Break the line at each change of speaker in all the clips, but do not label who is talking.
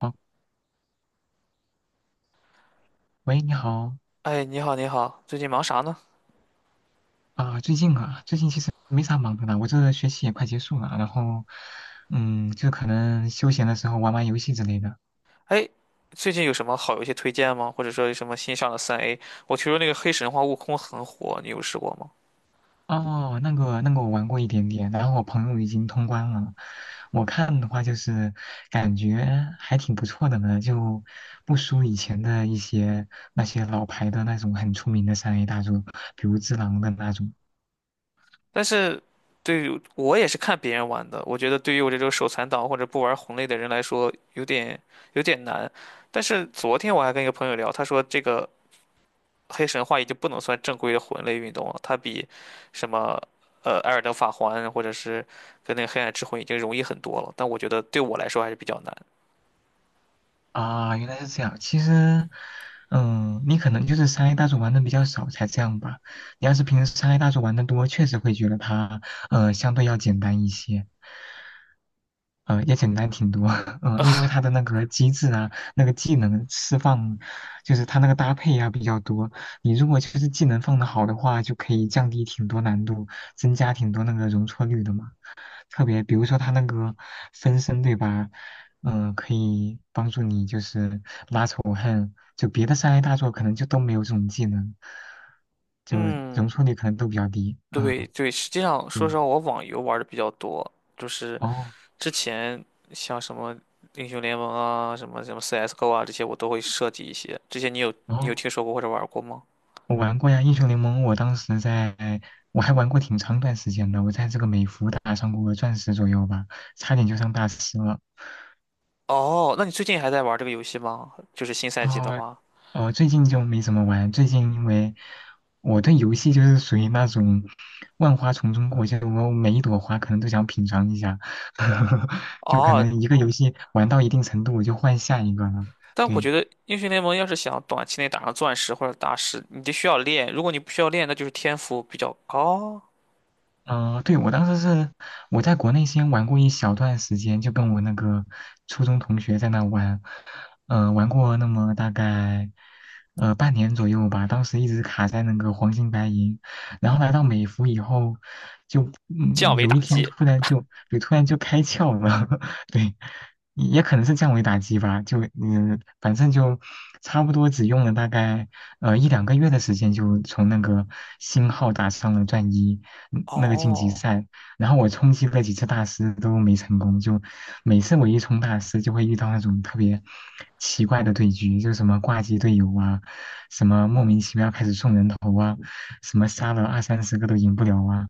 哦，喂，你好
哎，你好，你好，最近忙啥呢？
啊。最近啊，最近其实没啥忙的啦，我这个学期也快结束了，然后，就可能休闲的时候玩玩游戏之类的。
哎，最近有什么好游戏推荐吗？或者说有什么新上的3A？我听说那个黑神话悟空很火，你有试过吗？
哦，那个我玩过一点点，然后我朋友已经通关了。我看的话就是感觉还挺不错的呢，就不输以前的一些那些老牌的那种很出名的三 A 大作，比如《只狼》的那种。
但是对于我也是看别人玩的，我觉得对于我这种手残党或者不玩魂类的人来说，有点难。但是昨天我还跟一个朋友聊，他说这个黑神话已经不能算正规的魂类运动了，它比什么《艾尔登法环》或者是跟那个《黑暗之魂》已经容易很多了，但我觉得对我来说还是比较难。
啊，原来是这样。其实，你可能就是三 A 大作玩的比较少才这样吧。你要是平时三 A 大作玩的多，确实会觉得它，相对要简单一些，也简单挺多。因为它的那个机制啊，那个技能释放，就是它那个搭配啊比较多。你如果就是技能放的好的话，就可以降低挺多难度，增加挺多那个容错率的嘛。特别，比如说它那个分身，对吧？可以帮助你就是拉仇恨，就别的三 A 大作可能就都没有这种技能，就容
嗯，
错率可能都比较低。啊，
对对，实际上说实
对。
话，我网游玩的比较多，就是
哦，
之前像什么英雄联盟啊、什么什么 CS:GO 啊这些，我都会设计一些。这些你有
然
你有
后
听说过或者玩过吗？
我玩过呀。英雄联盟，我当时在，我还玩过挺长一段时间的，我在这个美服打上过钻石左右吧，差点就上大师了。
哦，那你最近还在玩这个游戏吗？就是新赛季的
哦，
话，
哦，最近就没怎么玩。最近因为我对游戏就是属于那种万花丛中过，就我每一朵花可能都想品尝一下，就可
哦，
能一个游戏玩到一定程度，我就换下一个了。
但我
对。
觉得英雄联盟要是想短期内打上钻石或者大师，你就需要练。如果你不需要练，那就是天赋比较高，
嗯，对，我当时是我在国内先玩过一小段时间，就跟我那个初中同学在那玩。嗯，玩过那么大概半年左右吧。当时一直卡在那个黄金白银，然后来到美服以后，就
降维
有一
打
天
击。
突然就开窍了。对，也可能是降维打击吧，就反正就差不多只用了大概一两个月的时间，就从那个星号打上了钻一。那个晋级
哦，
赛，然后我冲击了几次大师都没成功，就每次我一冲大师就会遇到那种特别奇怪的对局，就什么挂机队友啊，什么莫名其妙开始送人头啊，什么杀了二三十个都赢不了啊，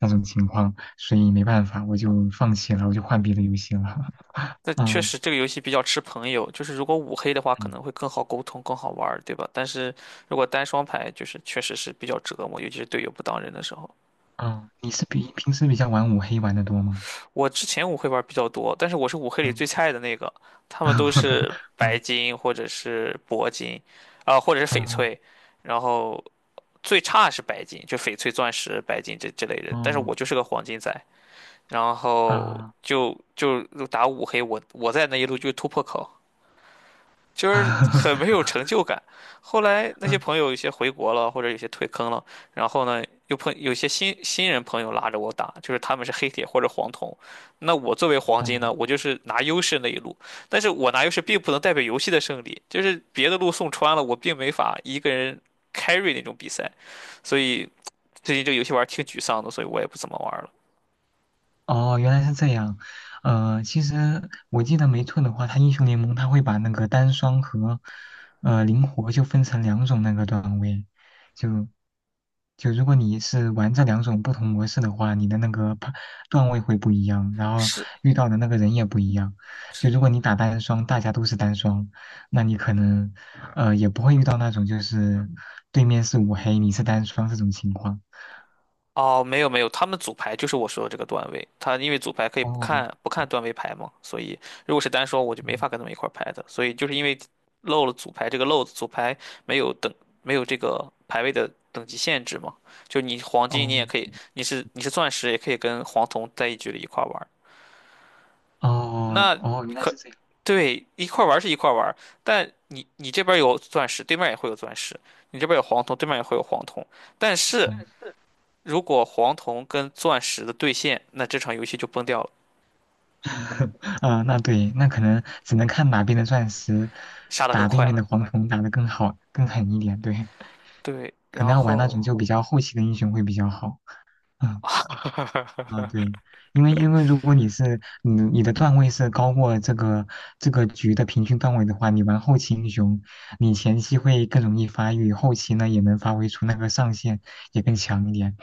那种情况，所以没办法，我就放弃了，我就换别的游戏了。
那确
嗯
实这个游戏比较吃朋友，就是如果五黑的话可
嗯
能会更好沟通、更好玩儿，对吧？但是如果单双排，就是确实是比较折磨，尤其是队友不当人的时候。
嗯，你是比平时比较玩五黑玩的多吗？
我之前五黑玩儿比较多，但是我是五黑里最
嗯
菜的那个，他们都是 白
嗯
金或者是铂金，啊、或者是翡
嗯
翠，然后最差是白金，就翡翠、钻石、白金这类人，但是
嗯
我就是个黄金仔，然后
啊
就打五黑，我在那一路就是突破口。就是很没有成就感。后来 那些
嗯
朋友有些回国了，或者有些退坑了，然后呢，又碰有些新人朋友拉着我打，就是他们是黑铁或者黄铜，那我作为黄金呢，
嗯
我就是拿优势那一路，但是我拿优势并不能代表游戏的胜利，就是别的路送穿了，我并没法一个人 carry 那种比赛，所以最近这个游戏玩儿挺沮丧的，所以我也不怎么玩儿了。
哦，原来是这样。其实我记得没错的话，它英雄联盟它会把那个单双和灵活就分成两种那个段位，就如果你是玩这两种不同模式的话，你的那个段位会不一样，然后
是
遇到的那个人也不一样。就如果你打单双，大家都是单双，那你可能也不会遇到那种就是对面是五黑、你是单双这种情况。
哦，没有没有，他们组牌就是我说的这个段位，他因为组牌可以不
哦，
看不看段位牌嘛，所以如果是单说我就没
嗯
法跟他们一块儿拍的，所以就是因为漏了组牌这个漏子，组牌没有等没有这个排位的等级限制嘛，就你黄金你
哦。
也可以，你是钻石也可以跟黄铜在一局里一块儿玩儿。
哦
那
哦，原来
可
是这样。
对一块儿玩儿是一块儿玩儿，但你这边儿有钻石，对面也会有钻石，你这边儿有黄铜，对面也会有黄铜，但是。
嗯，
如果黄铜跟钻石的对线，那这场游戏就崩掉了，
啊，那对，那可能只能看哪边的钻石
杀得更
打对
快。
面的黄铜打得更好、更狠一点。对，
对，
可能
然
要玩那种
后
就比较后期的英雄会比较好。啊，对，因为如果你是你的段位是高过这个局的平均段位的话，你玩后期英雄，你前期会更容易发育，后期呢也能发挥出那个上限，也更强一点。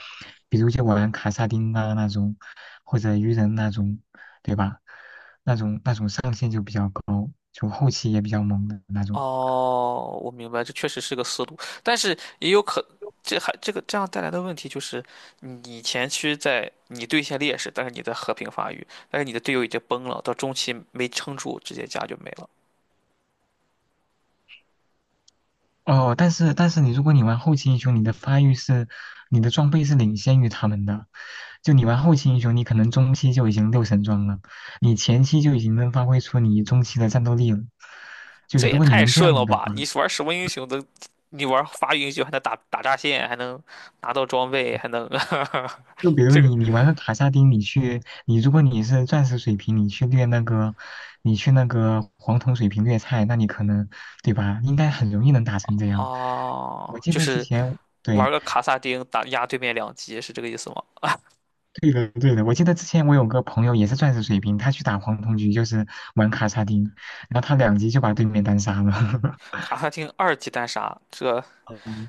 比如就玩卡萨丁啊那种，或者鱼人那种，对吧？那种上限就比较高，就后期也比较猛的那种。
哦，我明白，这确实是个思路，但是也有可，这这样带来的问题就是，你前期在你对线劣势，但是你在和平发育，但是你的队友已经崩了，到中期没撑住，直接家就没了，
哦，但是你如果玩后期英雄，你的发育是，你的装备是领先于他们的。就你玩后期英雄，你可能中期就已经六神装了，你前期就已经能发挥出你中期的战斗力了。就
这
如
也
果你
太
能这
顺了
样的
吧？
话，
你玩什么英雄都，你玩发育英雄还能打打炸线，还能拿到装备，还能
就比 如
这个
你玩个卡萨丁，你如果你是钻石水平，你去掠那个，你去那个黄铜水平掠菜，那你可能对吧？应该很容易能打成这样。
哦，
我记
就
得之
是
前。对，
玩个卡萨丁打压对面2级是这个意思吗？
对的，对的。我记得之前我有个朋友也是钻石水平，他去打黄铜局就是玩卡萨丁，然后他两局就把对面单杀了。
卡萨丁2级单杀，这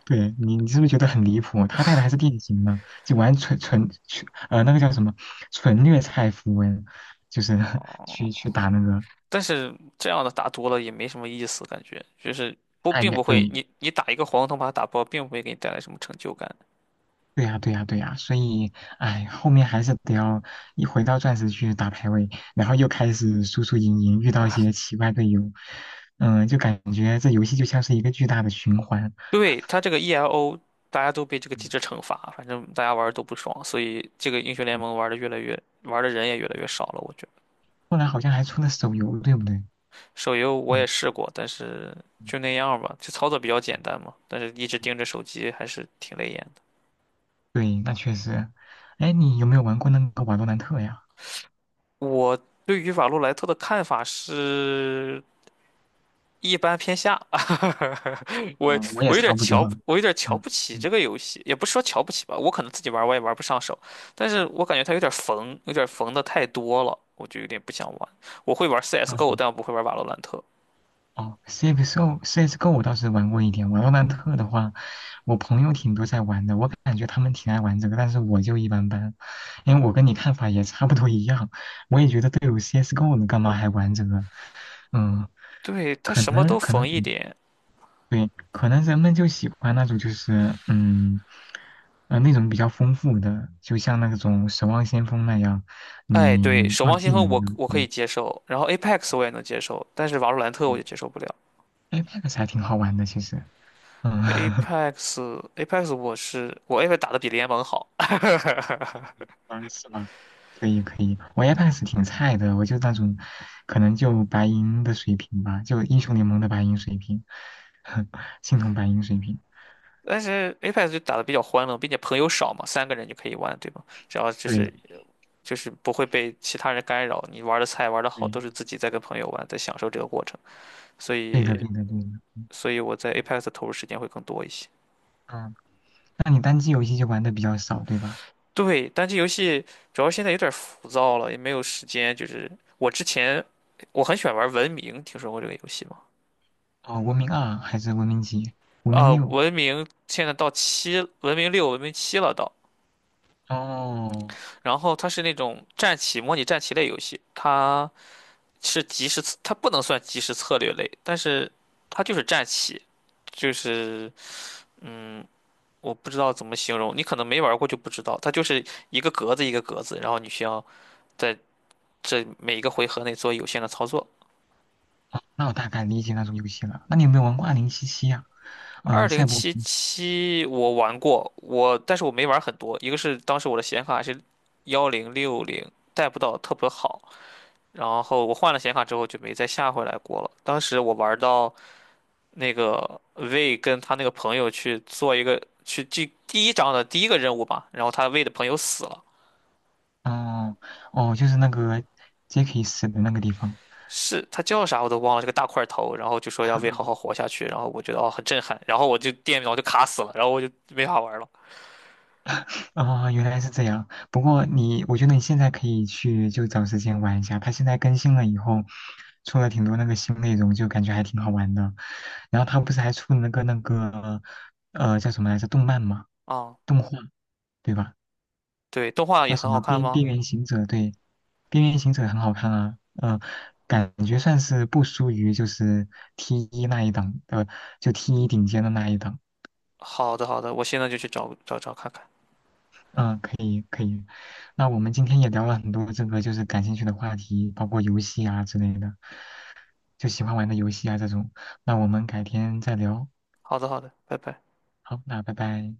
对你，你是不是觉得很离谱？他带的还是电竞呢，就玩纯纯纯那个叫什么纯虐菜符文，就是 去打那个。
但是这样的打多了也没什么意思，感觉就是
哎也
不会，
对，
你打一个黄铜把它打爆，并不会给你带来什么成就感。
对呀、对呀、对呀、所以哎，后面还是得要一回到钻石去打排位，然后又开始输输赢赢，遇到一些奇怪队友。嗯，就感觉这游戏就像是一个巨大的循环。
对，它这个 ELO，大家都被这个机
嗯
制惩罚，反正大家玩的都不爽，所以这个英雄联
嗯
盟玩的人也越来越少了。我觉得
后来好像还出了手游，对不对？
手游我也
嗯，
试过，但是
嗯
就那样吧，就操作比较简单嘛，但是一直盯着手机还是挺累眼的。
对，那确实。哎，你有没有玩过那个瓦罗兰特呀？
我对于瓦洛莱特的看法是一般偏下，我
嗯，我也差不多。
我有点瞧
嗯
不起这
嗯
个游戏，也不是说瞧不起吧，我可能自己玩儿我也玩不上手，但是我感觉它有点缝，有点缝的太多了，我就有点不想玩。我会玩 CS:GO，
哦
但我不会玩瓦洛兰特。
哦CS:GO，CS:GO 我倒是玩过一点。瓦罗兰特的话，我朋友挺多在玩的，我感觉他们挺爱玩这个，但是我就一般般。因为我跟你看法也差不多一样，我也觉得队友 CS:GO 了，干嘛还玩这个？嗯，
对，它
可
什么
能
都
可能
缝一点。
对，可能人们就喜欢那种，就是那种比较丰富的，就像那种《守望先锋》那样，
哎，
你
对，
能
守
放
望先
技
锋
能
我
的。
我可以
对
接受，然后 Apex 我也能接受，但是瓦洛兰特我
对，
就接受不了。
哎，那 X 还挺好玩的，其实。嗯，
Apex Apex 我是我 Apex 打的比联盟好，
个是吗？可以可以，我 Apex 挺菜的，我就那种，可能就白银的水平吧，就英雄联盟的白银水平。青铜白银水平，
但是 Apex 就打的比较欢乐，并且朋友少嘛，三个人就可以玩，对吗？只要就是
对
就是不会被其他人干扰，你玩的菜玩的好，都是
对
自己在跟朋友玩，在享受这个过程。所
对的
以，
对的对的。
所以我在 Apex 的投入时间会更多一些。
嗯，那你单机游戏就玩的比较少，对吧？
对，单机游戏主要现在有点浮躁了，也没有时间。就是我之前我很喜欢玩文明，听说过这个游戏吗？
哦，文明二还是文明几？文明
啊，
六。
《文明现在到七，文明六、文明七了到，
哦，
然后它是那种战棋模拟战棋类游戏，它。是即时，它不能算即时策略类，但是它就是战棋，就是嗯，我不知道怎么形容，你可能没玩过就不知道，它就是一个格子一个格子，然后你需要在这每一个回合内做有限的操作。
那我大概理解那种游戏了。那你有没有玩过二零七七呀？
二零
赛博，
七七我玩过，但是我没玩很多，一个是当时我的显卡是1060，带不到特别好，然后我换了显卡之后就没再下回来过了。当时我玩到那个魏跟他那个朋友去做一个去第一章的第一个任务吧，然后他魏的朋友死了，
哦哦，就是那个杰克死的那个地方。
是他叫啥我都忘了，这个大块头，然后就说让魏好好 活下去，然后我觉得哦很震撼，然后我就电脑就卡死了，然后我就没法玩了
哦，原来是这样。不过你，我觉得你现在可以去就找时间玩一下。它现在更新了以后，出了挺多那个新内容，就感觉还挺好玩的。然后它不是还出了那个叫什么来着动漫嘛，
啊。
动画，对吧？
对，动画也
叫什
很
么
好看吗？
边缘行者，对，边缘行者很好看啊。嗯，感觉算是不输于就是 T 一那一档，就 T 一顶尖的那一档。
好的好的，我现在就去找找找看看。
嗯、可以可以。那我们今天也聊了很多这个就是感兴趣的话题，包括游戏啊之类的，就喜欢玩的游戏啊这种。那我们改天再聊，
好的好的，拜拜。
好，那拜拜。